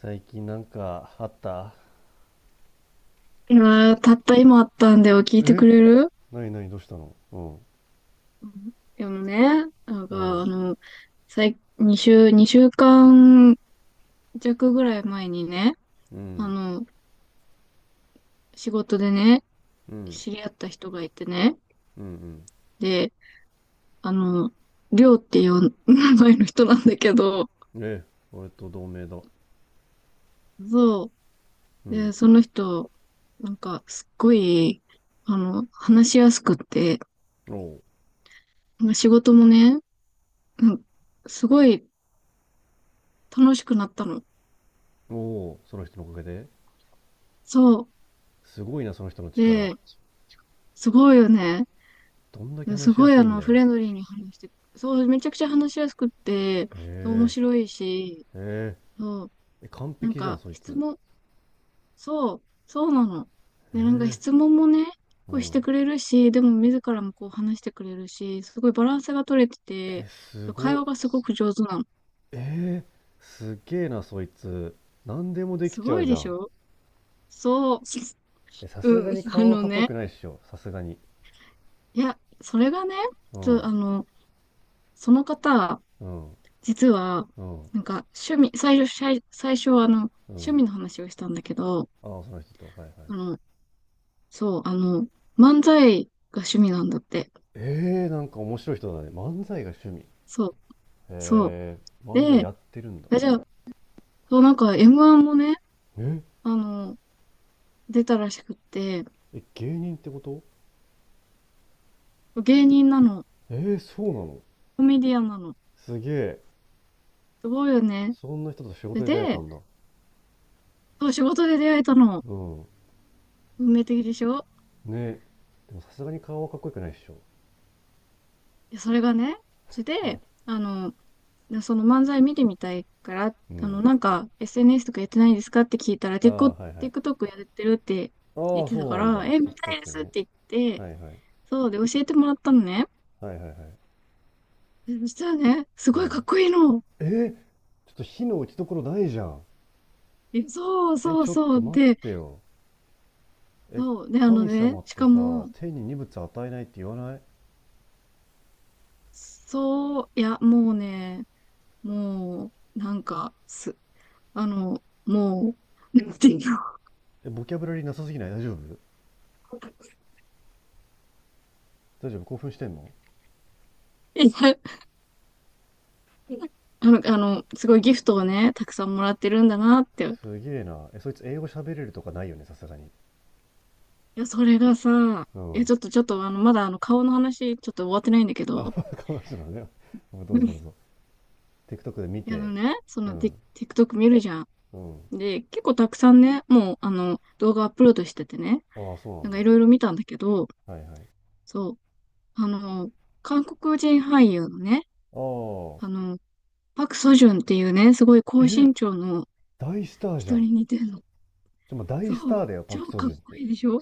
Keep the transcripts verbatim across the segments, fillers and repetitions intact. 最近なんかあった？今たった今あったんだよ。聞いてくえ、れる？なに？ない？どうしたの？うん。うん。でもね、なんうか、ん。あの、最、に週、二週間弱ぐらい前にね、うあん。の、仕事でね、うん。知り合った人がいてね、うん。で、あの、りょうっていう名前の人なんだけど、うん。え、俺と同盟だ。そうう。で、ん。その人、なんか、すっごい、あの、話しやすくって、おお。まあ仕事もね、うん、すごい楽しくなったの。うおう、その人のおかげで？そすごいな、その人のう。力。で、すごいよね。どんだけす話しやごいすあいんの、だフよ。レンドリーに話して、そう、めちゃくちゃ話しやすくって、面へ白いし、え。そう、へえ。え、完なん璧じゃんかそい質つ。問、そう、そうなの。へで、なんかえ。質問もね、うこうしてん。くれるし、でも自らもこう話してくれるし、すごいバランスが取れてえて、す会ごっ。話がすごく上手なの。えー、すっげえなそいつ。何でもできすちゃごういじでゃしん。ょ？そえさう、すうがん、にあ顔のかっこよくね、ないっしょ、さすがに。いや、それがね、うちょ、ん。あの、その方、うん。実は、うん。なんか趣味、最初、最最初はあの、う趣ん。味の話をしたんだけど、ああ、その人と。はいはい。あの、そう、あの、漫才が趣味なんだって。ええ、なんか面白い人だね。漫才が趣味。へそう、そう。え、漫才で、やってるんだ。あじゃあ、そう、なんか エムワン もね、え、あの、出たらしくって、え、芸人ってこと？芸人なの、えーそうなの。コメディアンなの。すげえ。すごいよね。そんな人と仕で、事で出会えたで、んだ。そう、仕事で出会えたの。うん。運命的でしょ？ね。でもさすがに顔はかっこよくないっしょ。いやそれがね、それで、あの、でその漫才見てみたいから、うあの、ん。なんか エスエヌエス とかやってないですかって聞いたら、あ結構 あ、はいはい。あ TikTok やってるってあ、言っそてたかうなんだ。ら、え、見たいで TikTok すっね。て言って、はいはい。そうで教えてもらったのね。はいはいはい。でそしたらね、すうごいかん。っこいいの。えー、ちょっと火の打ち所ないじゃん。えそうえ、そうちょっそとう。待で、ってよ。え、そう。で、あの神ね、様っしてかさ、も、天に荷物与えないって言わない？そう、いや、もうね、もう、なんか、す、あの、もう、なんていうの。え、ボキャブラリーなさすぎない？大丈夫？大丈夫？興奮してんの？ いや、あの、あの、すごいギフトをね、たくさんもらってるんだなって。すげえな。え、そいつ英語喋れるとかないよね、さすがに。いや、それがさ、ういや、ん。ちょっと、ちょっと、あの、まだ、あの、顔の話、ちょっと終わってないんだけあ、ど、この人なのね。どう うぞん、どいうぞ。TikTok で見や、あのて。ね、そうの、ティ ん。TikTok 見るじゃん。うん。で、結構たくさんね、もう、あの、動画アップロードしててね、ああ、そなんかいうろいろ見たんだけど、なんだ。はいはい。あそう、あの、韓国人俳優のね、あ、あの、パク・ソジュンっていうね、すごい高身長の大スターじゃ人ん。に似てるの。ちょ、まあ、大スそう、ターだよ、パク・超ソかジっュンっこて。いいでしょ？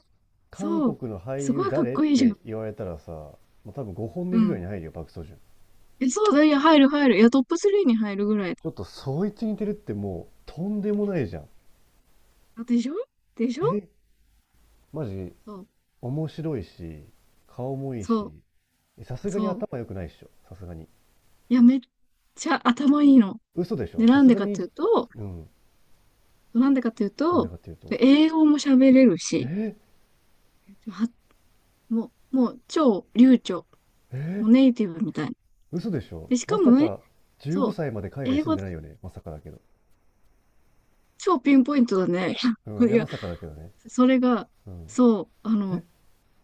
韓そう、国の俳すご優いかっ誰っこいいじゃてん。言われたらさ、まあ、多分ごほんう指ぐらいん。に入るよ、パク・ソジュン。え、そうだ、いや、入る入る。いや、トップさんに入るぐらい。ちょっとそいつ似てるってもう、とんでもないじゃん。でしょ？でしょ？え、マジ、そう、面白いし、顔もいいそし、う、えさすがにそう。頭良くないっしょ、さすがに。いや、めっちゃ頭いいの。嘘でしで、ょ、さなんすでがかってに、いうと、うん、なんでかっていうなんでと、かっていうと、英語も喋れるし、え、は、もう、もう超流暢。え、もうネイティブみたいな。嘘でしょ、で、しまかもさね、か、15そう、歳まで海外英住ん語でないよね、まさかだけど。超ピンポイントだね。うん、いいや、まや、さかだけどね。それが、うん。そう、あえ、の、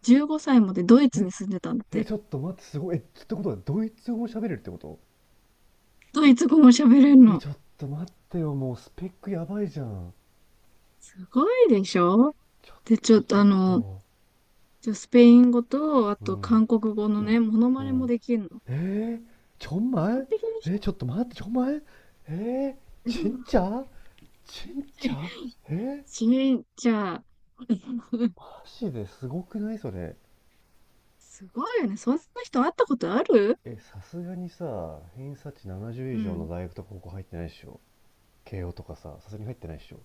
じゅうごさいまでドイツえ、に住んでたんだっえ、て。ちょっと待って、すごい。え、ってことは、ドイツ語喋れるってこと？ドイツ語も喋れるえ、の。ちょっと待ってよ、もうスペックやばいじゃん。すごいでしょ？ちょっで、ちょと、っちとょっあの、と。ちょスペイン語と、あうとん、韓国語のね、モノうマネもん。 できるの。에정完말璧でし에잠깐만정말에ょ？そん진な짜진짜에ちじゃあ、マジですごくないそれ。すごいよね。そんな人会ったことある？え、さすがにさ、偏差値ななじゅうう以上のん。大学とか高校入ってないでしょ。慶応とかさ、さすがに入ってないでしょ。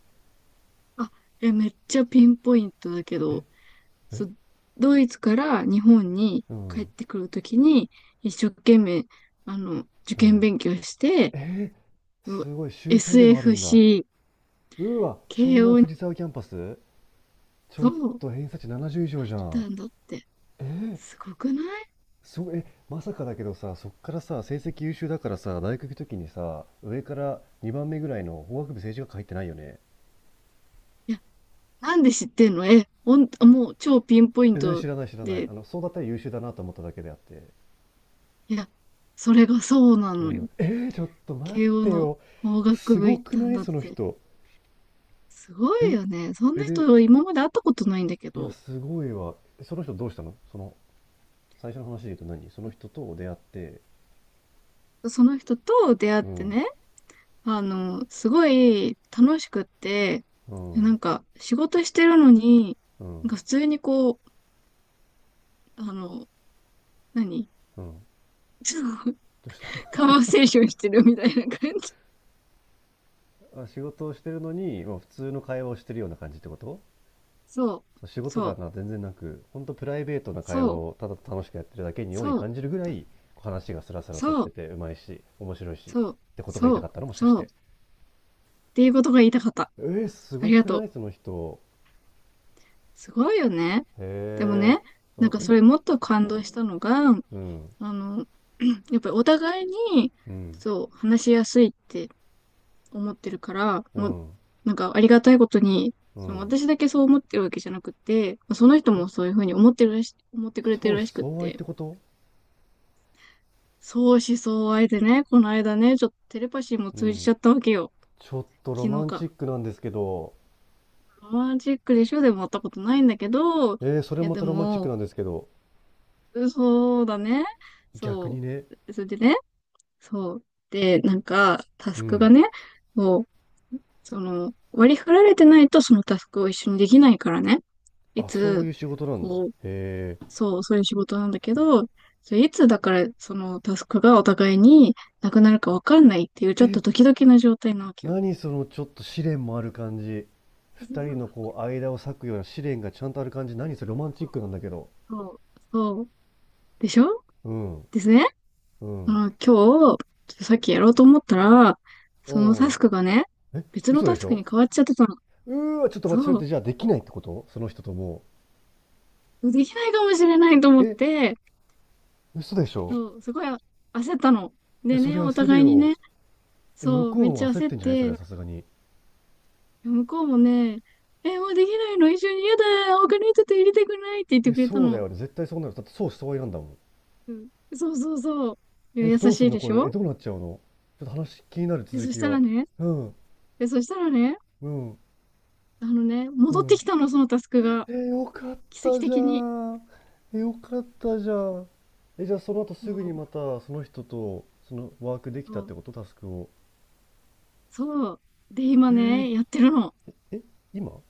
あ、え、めっちゃピンポイントだけえ。ど、え。そ、ドイツから日本にう帰っん。てくるときに、一生懸命、あの、受う験ん。勉強して、えー、う すごい、秀才でもあるんだ。エスエフシー、うわ、湘慶南応に藤沢キャンパス。ちょそっうと偏差値ななじゅう以上入じっゃたん。んだって。えー、すごくない？すごい、え、まさかだけどさ、そっからさ、成績優秀だからさ、大学行くときにさ、上からにばんめぐらいの法学部政治学科入ってないよね。いや、なんで知ってんの？え、ほん、あもう超ピンポイン全然ト知らない、知らない。で。あの、そうだったら優秀だなと思っただけであって。いや、それがそうなうのよ。ん。えー、ちょっと待っ慶応てのよ。法学す部ご行っくたなんいだっそのて。人。すごいえ、よね。そんえ、なで、人今まで会ったことないんだけいや、ど、すごいわ。えその人どうしたの、その、最初の話で言うと何？その人と出会って、その人と出会っうてん、ね、あの、すごい楽しくって、うん、うなん、んか仕事してるのに、うん。なんか普通にこう、あの、何どその うした？ カババセーションしてるみたいな感じ。あ、仕事をしてるのに、まあ、普通の会話をしてるような感じってこと？そう、そう、仕事そ感う、が全然なく、本当プライベートな会話そう、をただ楽しくやってるだけにようにそう、感じるぐらい、話がスラスラとしそてう、て、うまいし、面白いし、そう、ってことが言いそたかう、ったのもしかしそうて。っていうことが言いたかった。えー、すあごりがくとなう。いその人。すごいよね。でもへえ。ね、なんあ、かえ、それもっと感動したのが、うん、あの、やっぱりお互いに、うん、そう、話しやすいって思ってるから、うもう、ん、なんかありがたいことに、うそのん。私だけそう思ってるわけじゃなくて、その人え、もそういうふうに思ってるらし、思ってくれて相る思らしくっ相愛って、てこと？相思相愛でね、この間ね、ちょっとテレパシーもう通じちん。ゃったわけよ。ちょっとロ昨日マンチか。ックなんですけど、ロマンチックでしょ？でも会ったことないんだけど、いえー、それやまでたロマンチックも、なんですけど、そうだね。逆にそね、う。それでね、そう。で、なんか、タうスクがん。ね、もう、その、割り振られてないとそのタスクを一緒にできないからね。いあ、そういつ、う仕事なんだ。こう、へえ。そう、そういう仕事なんだけど、それいつだから、そのタスクがお互いになくなるかわかんないっていう、ちょっとドキドキな状態なわけよ。何そのちょっと試練もある感じ。そ二人のう、こう間を裂くような試練がちゃんとある感じ。何それロマンチックなんだけど。そう、そうでしょ？うん。ですね。うん。まあ、今日、ちょっとさっきやろうと思ったら、そのタおスクがね、ー、え、別の嘘でタしスクょ。に変わっちゃってたの。うーわ、ちょっと待って、それっそてじゃあできないってことその人とも？う。できないかもしれないと思う。っえ、て、嘘でしょ。そう、すごいあ焦ったの。え、でそね、れお焦る互いによ。ね、え、向そう、こうめっちもゃ焦っ焦ってんじゃないそれはて、さすがに。向こうもね、え、もうできないの一緒に嫌だ、他の人と入れてくれないって言っえ、てくれたそうだの。よね。絶対そうなる。だってそうした方がいいなんだもん。うん、そう、そう、そう。いやえ、優どうすしんいのでこしれ。え、ょ？どうなっちゃうの？ちょっと話気になるで、続そしきたが。らね、うん、で、そしたらね、うん、あのね、う戻ってん。きたの、そのタスクが。えよかっ奇跡たじゃ的に。ん。えよかったじゃん。え、じゃあその後すぐにまもたその人とそのワークできたっうてこと？タスクを。そう。で、え今ー、ね、やってるの。え、今、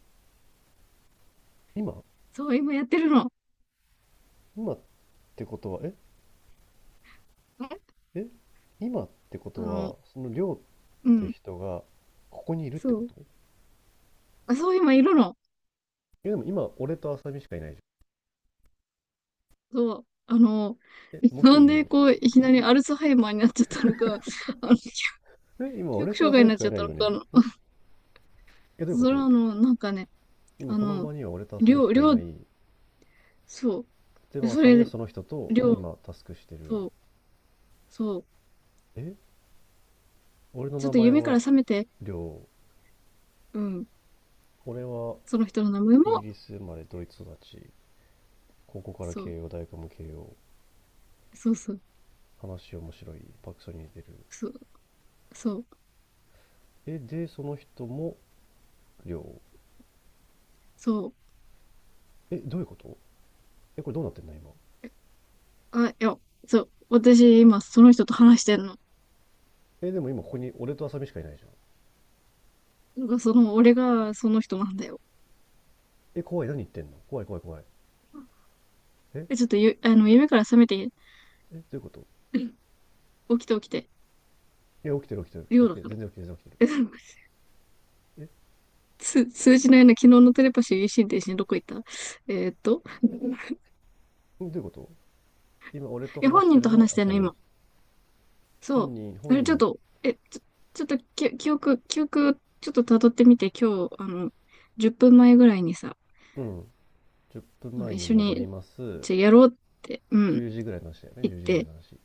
今、そう、今やってるの。今ってことは、え、え、え、今ってこあとの、は、そのりっうてん。人がここにいるってそこう。と？あ、そう、今いるの。え、でも今俺と浅見しかいないじそう。あの、ゃん。え、も う一なん人いるでの？こう、いきなりアルツハイマーになっちゃったのか、あの、え、今記俺憶と障浅害に見なしっかちいゃっなたいのよか、ね。あのん？え、どういうこそれはと？あの、なんかね、今あこのの、場には俺と浅り見ょしう、りかいょなう、い。そでう。もそ浅見れ、はその人とりょう、今タスクしてる。そう、そう。え、俺のちょっ名と前夢からは覚めて、亮。うん。俺はその人の名前イギも、リス生まれドイツ育ち、高校からそう、慶応、大学も慶応、そう、そう、話面白い、パクソに似てる。そう、そう、え、でその人も亮。そう。えどういうこと？えこれどうなってんの今。あ、いや、そう、私今その人と話してんの。えでも今ここに俺と浅見しかいないじゃん。なんかその、俺がその人なんだよ。え怖い、何言ってんの、怖い怖い怖い。え。え、ちょっとゆ、あの、夢から覚めて、え、どういうこと？起きて起きて、いや起きてる、起きてる、起量きだてる、から。全然起きてる、全然起きてえ、なんかる。つ、通なな、昨日のテレパシー心停止にどこ行った？えーっと、え。え、 どういうこと？今俺といや、話本して人るとのは話してん浅の、見？今。そ本う。人？あ本れ、ちょっ人？と、え、ちょ、ちょっとき、記憶、記憶、ちょっと辿ってみて、今日、あの、じゅっぷんまえぐらいにさ、うん。10分あの前一に緒戻りに、ます。じゃ、やろうって、う10ん、時ぐらいの話だよね？言っじゅうじぐらいて、の話。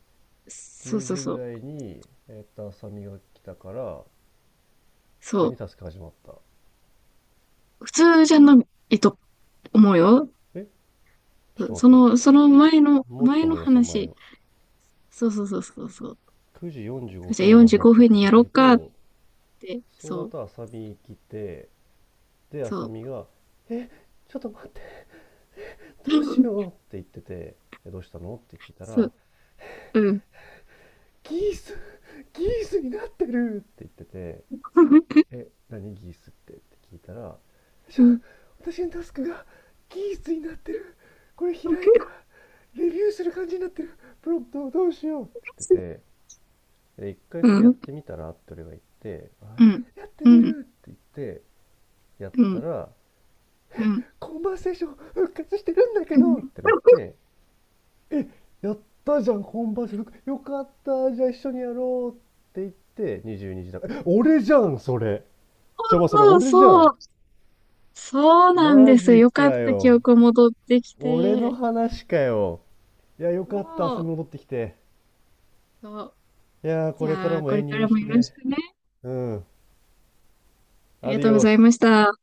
そう、10そう、時ぐそう、らいにえっと浅見が来たから、普通そにう。タスク始まった。普通じゃないと思うよ。え、ちょっそと待って、の、その前の、もうちょっ前との思い出そう前話。を。そう、そう、そう、そう、そう。くじ45じゃ分あぐらいの話45だっ分たにとやすろうるかっと、て。そうそだう、と浅見来て、でそ浅う。見が「え、ちょっと待って、どうしよう」っ て言ってて、「えどうしたの?」って聞いたそらう、うん。「ギース、ギースになってる!」って言ってて 「え何ギースって?」って聞いたら、「ち、うん。私のタスクがキースになってる、これうん。開いたらレビューする感じになってる、プロンプトをどうしよう」って言ってて、で「一回うそれやっん。てみたら」って俺が言って、「やってうみん。る」って言って、やっうたん。ら、「うん。コンバーセーション復活してるんだけうど」っん、てなって、え、やったじゃん、コンバーセ復ン、よかった、じゃあ一緒にやろうって言って、にじゅうにじだから、え、俺じゃんそれ。ちょま、それそう、俺じゃん。そう。そうなんマですよ。ジよかかった記よ。憶戻ってき俺のて。話かよ。いや、よそかった。遊び戻っう。てきて。そう。いやー、こじれかゃらあ、もこ永れ遠にかよろらしもくよろしね。くね。うん。ありアがデとィうごオざいス。ました。